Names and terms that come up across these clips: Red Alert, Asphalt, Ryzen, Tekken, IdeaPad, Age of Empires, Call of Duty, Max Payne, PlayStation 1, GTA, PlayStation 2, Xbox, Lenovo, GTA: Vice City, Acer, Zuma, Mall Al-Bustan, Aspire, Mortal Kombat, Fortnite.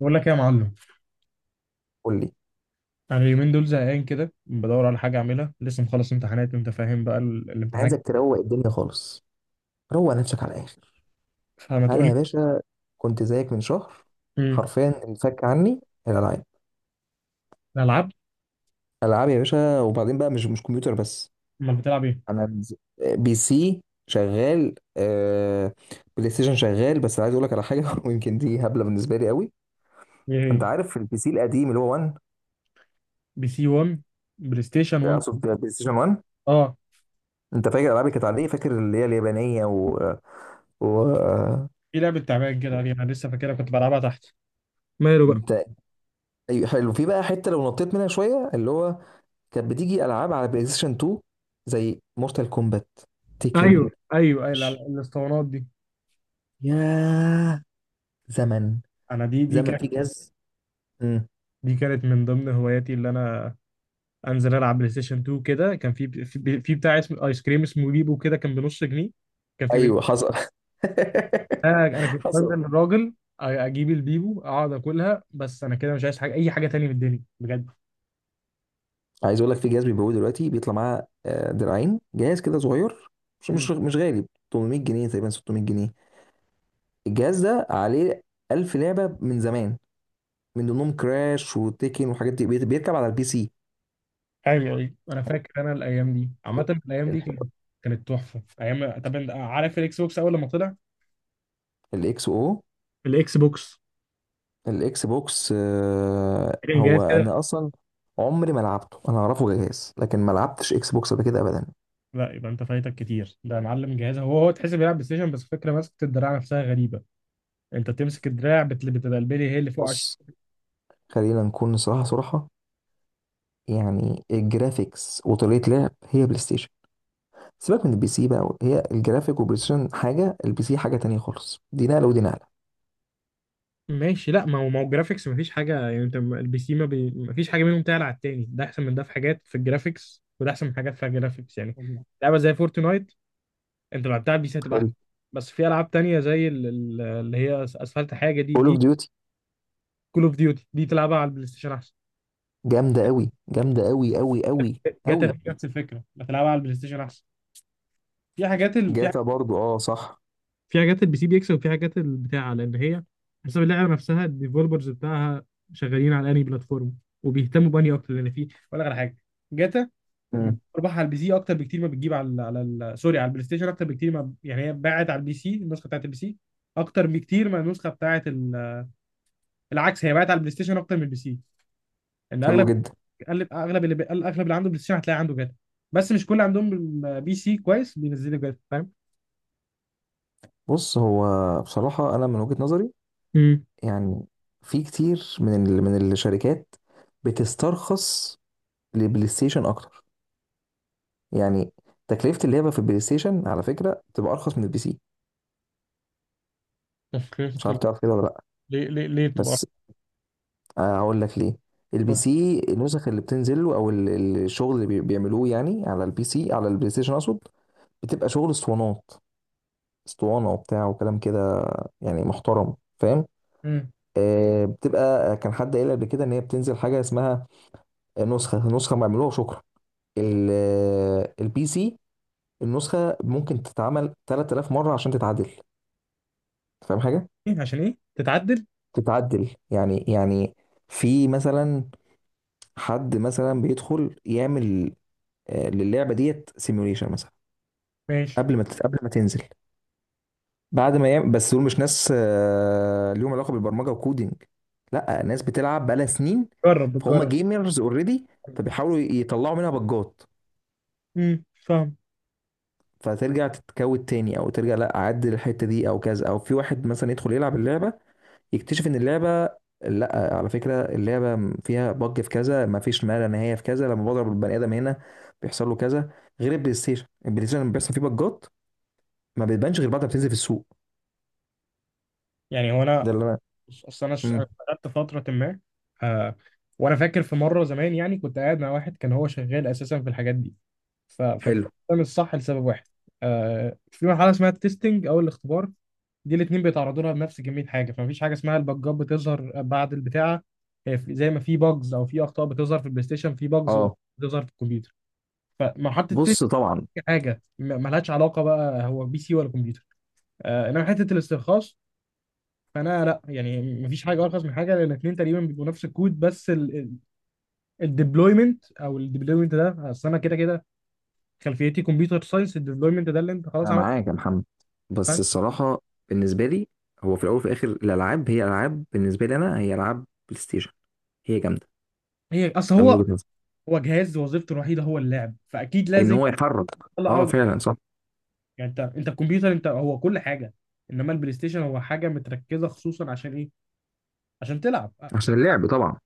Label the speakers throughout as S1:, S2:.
S1: بقول لك ايه يا معلم.
S2: قول لي.
S1: انا اليومين دول زهقان كده بدور على حاجه اعملها، لسه مخلص امتحانات وانت فاهم بقى
S2: أنا
S1: الامتحان.
S2: عايزك تروق الدنيا خالص. روق نفسك على الاخر.
S1: فما
S2: انا
S1: تقول لي.
S2: يا باشا كنت زيك من شهر.
S1: امم
S2: حرفيا انفك عني الالعاب.
S1: الالعاب.
S2: العاب يا باشا، وبعدين بقى مش كمبيوتر بس.
S1: امال بتلعب ايه؟
S2: انا بز- بي سي شغال، آه، بلاي ستيشن شغال. بس عايز اقول لك على حاجه ويمكن دي هبله بالنسبه لي قوي.
S1: ايه هي؟
S2: انت عارف البي سي القديم اللي هو 1؟
S1: بي سي 1؟ بلاي ستيشن 1.
S2: اقصد بلاي ستيشن 1.
S1: اه،
S2: انت فاكر الالعاب اللي كانت عليه؟ فاكر اللي هي اليابانيه و, و... آه،
S1: في لعبه تعبان كده عليها انا لسه فاكرها كنت بلعبها تحت. ماله بقى؟
S2: انت؟ أيوة، حلو. في بقى حته لو نطيت منها شويه، اللي هو كانت بتيجي العاب على بلاي ستيشن 2 زي مورتال كومبات،
S1: ايوه
S2: تيكن.
S1: ايوه ايوه، الاسطوانات دي.
S2: يا زمن،
S1: انا دي
S2: زمن
S1: كانت،
S2: في جهاز. امم
S1: دي كانت من ضمن هواياتي اللي انا انزل العب بلاي ستيشن 2 كده. كان في بتاع اسمه ايس كريم اسمه بيبو، كده كان بنص جنيه. كان في،
S2: ايوه حصل.
S1: انا كنت بنزل
S2: حصل.
S1: الراجل اجيب البيبو اقعد اكلها. بس انا كده مش عايز حاجه، اي حاجه تانية في الدنيا بجد.
S2: عايز اقول لك، في جهاز بيبيعوه دلوقتي بيطلع معاه دراعين، جهاز كده صغير مش
S1: مم.
S2: مش مش غالي. 800 جنيه تقريبا، 600 جنيه. الجهاز ده عليه 1000 لعبه من زمان، من ضمنهم كراش وتيكن وحاجات دي. بيركب على البي سي.
S1: ايوه ايوه، انا فاكر انا الايام دي، عامه الايام دي كانت، كانت تحفه ايام. طب انت عارف الاكس بوكس اول لما طلع؟
S2: الاكس او
S1: الاكس بوكس
S2: الاكس بوكس، آه،
S1: كان جهاز
S2: هو
S1: كده.
S2: انا اصلا عمري ما لعبته. انا اعرفه جهاز، لكن ما لعبتش اكس بوكس قبل كده ابدا.
S1: لا، يبقى انت فايتك كتير ده يا معلم. جهاز هو تحس بيلعب بلاي ستيشن بس فكره ماسكه الدراع نفسها غريبه. انت بتمسك الدراع بتبقى البلي هي اللي فوق.
S2: بص، خلينا نكون صراحه صراحه، يعني الجرافيكس وطريقه لعب هي بلاي ستيشن. سيبك من البي سي بقى، هي الجرافيك والبلاي ستيشن حاجه، البي سي حاجه تانية خالص. دي نقله ودي نقله.
S1: ماشي. لا، ما هو الجرافيكس مفيش حاجه، يعني انت البي سي ما بي... مفيش حاجه منهم تعلى على التاني، ده احسن من ده في حاجات في الجرافيكس، وده احسن من حاجات في الجرافيكس يعني.
S2: مم.
S1: لعبه زي فورتنايت انت لو لعبتها على البي سي هتبقى احسن.
S2: حلو.
S1: بس في العاب تانية زي اللي هي اسفلت، حاجه دي
S2: كول اوف
S1: دي
S2: ديوتي
S1: كول اوف ديوتي دي تلعبها على البلاي ستيشن احسن.
S2: جامده قوي جامده قوي قوي قوي
S1: جاتا
S2: قوي.
S1: في نفس الفكره، بتلعبها على البلاي ستيشن احسن. في حاجات في،
S2: جاتا برضو، اه صح.
S1: في حاجات البي سي بيكسب وفي حاجات البتاع، لان هي حسب اللعبه نفسها الديفلوبرز بتاعها شغالين على انهي بلاتفورم وبيهتموا بانهي اكتر. لان في، اقول لك على حاجه، جاتا بتجيب
S2: مم.
S1: ارباح على البي سي اكتر بكتير ما بتجيب على ال، سوري، على البلاي ستيشن اكتر بكتير ما، يعني هي باعت على البي سي، النسخه بتاعت البي سي اكتر بكتير ما النسخه بتاعت العكس، هي باعت على البلاي ستيشن اكتر من البي سي، لان
S2: حلو
S1: اغلب
S2: جدا.
S1: اغلب اغلب اغلب اللي عنده بلاي ستيشن هتلاقي عنده جاتا، بس مش كل عندهم بي سي كويس بينزلوا جاتا، فاهم؟
S2: بص هو، بصراحه انا من وجهه نظري،
S1: امم.
S2: يعني في كتير من من الشركات بتسترخص للبلاي ستيشن اكتر. يعني تكلفة اللعبة في البلاي ستيشن على فكرة بتبقى ارخص من البي سي.
S1: تفكير
S2: مش عارف
S1: ال-
S2: تعرف كده ولا لا؟
S1: ليه ليه بتبقى
S2: بس هقول لك ليه. البي
S1: أرخص؟
S2: سي النسخ اللي بتنزل له او الشغل اللي بيعملوه يعني على البي سي، على البلاي ستيشن اقصد، بتبقى شغل اسطوانات، اسطوانة وبتاع وكلام كده، يعني محترم، فاهم؟
S1: امم.
S2: آه بتبقى. كان حد قايل قبل كده ان هي بتنزل حاجة اسمها نسخة، نسخة معمولوها شكرا. البي سي النسخه ممكن تتعمل 3000 مره عشان تتعدل. أنت فاهم حاجه؟
S1: إيه عشان ايه تتعدل؟
S2: تتعدل يعني يعني، في مثلا حد مثلا بيدخل يعمل للعبه ديت سيميوليشن مثلا
S1: ماشي.
S2: قبل ما تنزل. بعد ما يعمل، بس دول مش ناس ليهم علاقه بالبرمجه وكودينج، لا، ناس بتلعب بقالها سنين،
S1: جرب،
S2: فهم
S1: بتجرب.
S2: جيمرز اوريدي، فبيحاولوا يطلعوا منها بجات.
S1: امم، فاهم.
S2: فترجع تتكود تاني، او ترجع لا اعدل الحته دي او كذا، او في واحد مثلا يدخل يلعب اللعبه يكتشف ان اللعبه، لا على فكره اللعبه فيها بج في كذا، ما فيش ما لا نهايه في كذا، لما بضرب البني ادم هنا بيحصل له كذا. غير البلاي ستيشن، البلاي ستيشن لما بيحصل فيه بجات ما بتبانش غير بعد ما بتنزل في السوق.
S1: يعني هو انا،
S2: ده اللي انا.
S1: بص، أنا
S2: امم
S1: اشتغلت فتره ما، آه، وانا فاكر في مره زمان يعني كنت قاعد مع واحد كان هو شغال اساسا في الحاجات دي. فكان
S2: حلو.
S1: ده مش صح لسبب واحد. آه، في مرحله اسمها التستنج او الاختبار، دي الاثنين بيتعرضوا لها بنفس كميه حاجه، فمفيش حاجه اسمها البجات بتظهر بعد البتاعه. هي زي ما في باجز او في اخطاء بتظهر في البلاي ستيشن، في باجز
S2: اه
S1: بتظهر في الكمبيوتر. فمرحله التستنج
S2: بص، طبعا
S1: حاجه ملهاش علاقه بقى هو بي سي ولا كمبيوتر. آه، انما حته الاسترخاص، فانا لا، يعني مفيش حاجه ارخص من حاجه، لان الاثنين تقريبا بيبقوا نفس الكود. بس الديبلويمنت، او الديبلويمنت ده، اصل انا كده كده خلفيتي كمبيوتر ساينس، الديبلويمنت ده اللي انت خلاص
S2: انا
S1: عملت.
S2: معاك يا محمد، بس
S1: فاهم.
S2: الصراحه بالنسبه لي، هو في الاول وفي الاخر الالعاب هي العاب، بالنسبه لي انا هي العاب بلاي ستيشن، هي جامده.
S1: هي اصل
S2: ده من
S1: هو،
S2: وجهه نظري.
S1: هو جهاز وظيفته الوحيده هو اللعب، فاكيد
S2: ان
S1: لازم
S2: هو يحرك، اه
S1: يطلع أعلى.
S2: فعلا صح.
S1: يعني انت الكمبيوتر انت هو كل حاجه، انما البلاي ستيشن هو حاجه متركزه خصوصا عشان ايه؟ عشان تلعب.
S2: عشان اللعب طبعا.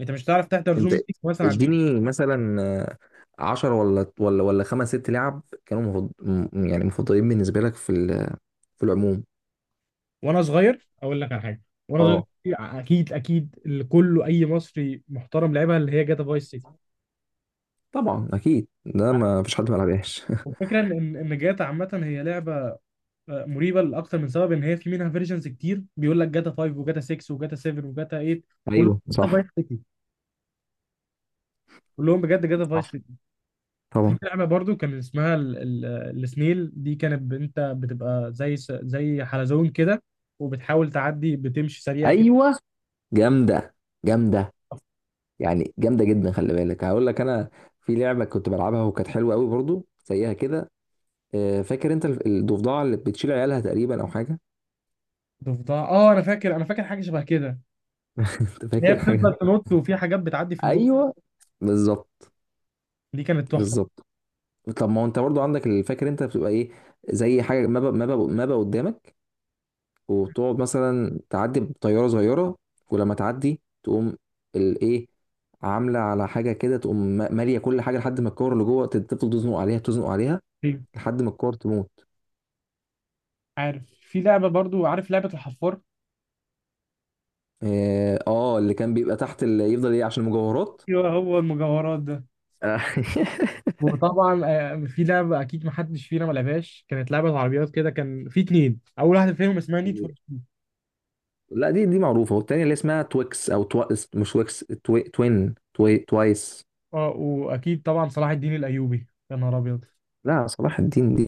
S1: انت مش هتعرف تحضر زوم
S2: انت
S1: ميتنج مثلا على البلاي ستيشن.
S2: اديني مثلا، عشر ولا خمس ست لعب كانوا يعني مفضلين بالنسبه لك في في العموم.
S1: وانا صغير اقول لك على حاجه، وانا صغير
S2: اه
S1: اكيد اللي كله اي مصري محترم لعبها اللي هي جاتا فايس سيتي.
S2: طبعا اكيد ده ما فيش حد ما لعبهاش.
S1: والفكره ان إن جاتا عامه هي لعبه آه، مريبه لاكتر من سبب، ان هي في منها فيرجنز كتير بيقول لك جاتا 5 وجاتا 6 وجاتا 7 وجاتا 8، كلهم
S2: ايوه
S1: جاتا
S2: صح.
S1: فايس سيتي، كلهم بجد جاتا فايس
S2: صح
S1: سيتي. في
S2: طبعا.
S1: لعبه برضو كان اسمها السنيل، دي كانت انت بتبقى زي زي حلزون كده، وبتحاول تعدي بتمشي سريع كده.
S2: ايوه، جامده جامده، يعني جامده جدا. خلي بالك هقول لك انا. في لعبه كنت بلعبها وكانت حلوه قوي برضو زيها كده. فاكر انت الضفدعه اللي بتشيل عيالها تقريبا او حاجه؟
S1: ضفدع، اه، انا فاكر، انا فاكر حاجه شبه كده.
S2: انت
S1: اللي هي
S2: فاكر
S1: بتفضل
S2: حاجه.
S1: تنط وفي حاجات بتعدي في النص.
S2: ايوه بالظبط.
S1: دي كانت تحفه.
S2: بالظبط. طب ما هو انت برضو عندك اللي فاكر انت بتبقى ايه، زي حاجه مابا مابا مابا قدامك، وتقعد مثلا تعدي بطياره صغيره، ولما تعدي تقوم الايه، عامله على حاجه كده، تقوم ماليه كل حاجه، لحد ما الكور اللي جوه تفضل تزنق عليها تزنق عليها،
S1: أيوة.
S2: لحد ما الكور تموت.
S1: عارف، في لعبه برضو، عارف لعبه الحفار؟
S2: اه اللي كان بيبقى تحت، اللي يفضل ايه عشان المجوهرات.
S1: ايوه، هو المجوهرات ده.
S2: آه.
S1: وطبعا آه، في لعبه اكيد ما حدش فينا ما لعبهاش، كانت لعبه عربيات كده، كان في اتنين اول واحده فيهم اسمها نيد فور.
S2: ال- لا، دي معروفه. والتانيه اللي اسمها تويكس او مش تويكس، توايس.
S1: اه، واكيد طبعا صلاح الدين الايوبي، يا نهار ابيض.
S2: لا صلاح الدين دي،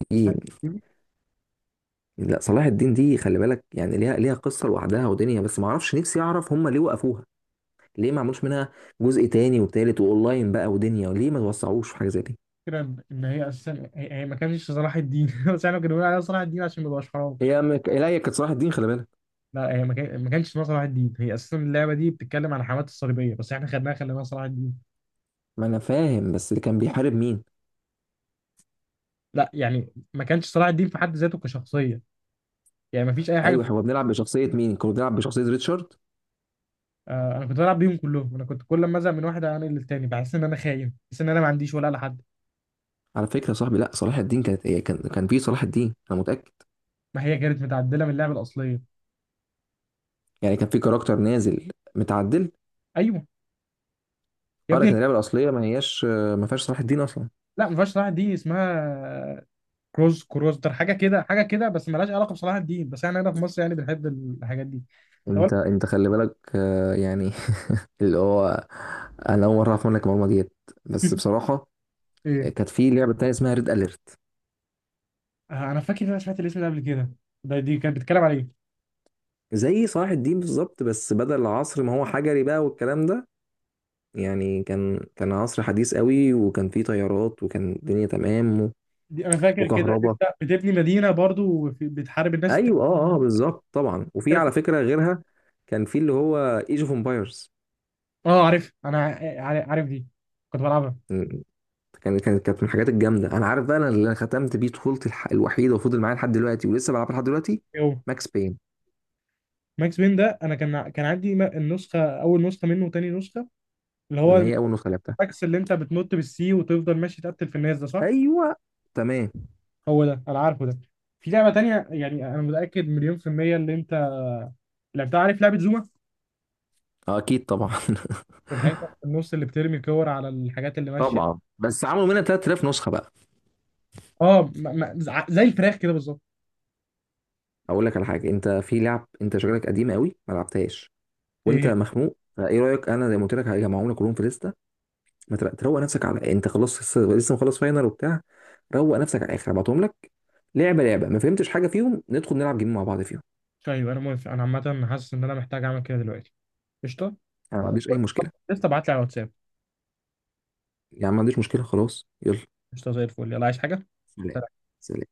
S2: لا صلاح الدين دي خلي بالك، يعني ليها قصه لوحدها ودنيا، بس ما اعرفش نفسي اعرف هم ليه وقفوها؟ ليه ما عملوش منها جزء تاني وتالت واونلاين بقى ودنيا؟ وليه ما توسعوش في حاجه زي دي؟
S1: الفكره ان إن هي اساسا هي ما كانش صلاح الدين، بس احنا كنا بنقول عليها صلاح الدين عشان ما يبقاش حرام.
S2: لا، هي كانت صلاح الدين خلي بالك.
S1: لا، هي ما كانش اسمها صلاح الدين، هي اساسا اللعبه دي بتتكلم عن حماة الصليبيه، بس احنا خدناها خليناها صلاح الدين.
S2: ما انا فاهم، بس اللي كان بيحارب مين؟
S1: لا، يعني ما كانش صلاح الدين في حد ذاته كشخصيه، يعني ما فيش اي حاجه.
S2: ايوه احنا كنا بنلعب بشخصيه مين؟ كنا بنلعب بشخصيه ريتشارد.
S1: آه، انا كنت بلعب بيهم كلهم، انا كنت كل ما ازهق من واحد اعمل للتاني، بحس ان انا خاين، بحس ان انا ما عنديش ولا لحد.
S2: على فكره يا صاحبي، لا صلاح الدين كانت هي، كان في صلاح الدين انا متاكد.
S1: ما هي كانت متعدله من اللعبه الاصليه.
S2: يعني كان في كاركتر نازل متعدل،
S1: ايوه. يا
S2: اه. لكن
S1: ابني،
S2: اللعبه الاصليه ما هياش، ما فيهاش صلاح الدين اصلا.
S1: لا، ما فيهاش صلاح الدين، اسمها كروز كروستر، حاجه كده حاجه كده، بس ملهاش علاقه بصلاح الدين، بس احنا هنا في مصر يعني بنحب الحاجات دي. طب أقول
S2: انت خلي بالك، يعني اللي هو، انا اول مره اعرف منك المعلومه ديت. بس
S1: لك
S2: بصراحه
S1: ايه،
S2: كانت في لعبه تانية اسمها ريد اليرت.
S1: آه، انا فاكر ان انا سمعت الاسم ده قبل كده. ده دي كانت بتتكلم على ايه؟
S2: زي صلاح الدين بالظبط، بس بدل عصر ما هو حجري بقى والكلام ده، يعني كان عصر حديث قوي، وكان فيه طيارات وكان الدنيا تمام، و-
S1: دي انا فاكر كده،
S2: وكهرباء.
S1: انت بتبني مدينه برضو بتحارب الناس.
S2: ايوه اه اه بالظبط طبعا. وفي على
S1: التانية.
S2: فكره غيرها، كان في اللي هو ايج اوف امبايرز.
S1: اه عارف انا، عارف دي، كنت بلعبها.
S2: كانت كانت من الحاجات الجامده. انا عارف بقى أنا اللي انا ختمت بيه طفولتي، الوحيده وفضل معايا لحد دلوقتي ولسه بلعبها لحد دلوقتي، ماكس بين.
S1: ماكس بين ده انا كان كان عندي النسخه، اول نسخه منه وتاني نسخه، اللي هو
S2: ما هي اول نسخه لعبتها.
S1: الماكس اللي انت بتنط بالسي وتفضل ماشي تقتل في الناس، ده صح.
S2: ايوه تمام.
S1: هو ده انا عارفه ده. في لعبه تانية يعني انا متاكد مليون في الميه اللي انت لعبتها، عارف لعبه زوما،
S2: اكيد طبعا.
S1: الحاجات اللي في النص اللي بترمي كور على الحاجات اللي ماشيه.
S2: طبعا بس عملوا منها 3000 نسخه بقى.
S1: اه، زي الفراخ كده بالظبط.
S2: اقول لك على حاجه، انت في لعب انت شكلك قديم قوي ما لعبتهاش
S1: ايه
S2: وانت
S1: هي؟
S2: مخنوق. فايه رايك انا زي ما قلت لك هجمعهم لك كلهم في لسته؟ ما تر- تروق نفسك على، انت خلاص لسه مخلص فاينل وبتاع، روق نفسك على الاخر، هبعتهم لك لعبه لعبه. ما فهمتش حاجه فيهم، ندخل نلعب جيم مع بعض فيهم.
S1: طيب، انا موافق، انا عامه حاسس ان انا محتاج اعمل كده دلوقتي. قشطه.
S2: انا ما عنديش اي مشكله،
S1: لسه ابعت لي على الواتساب.
S2: يعني ما عنديش مشكله، خلاص يلا.
S1: قشطه زي الفل، يلا، عايز حاجه؟
S2: سلام.
S1: سلام.
S2: سلام.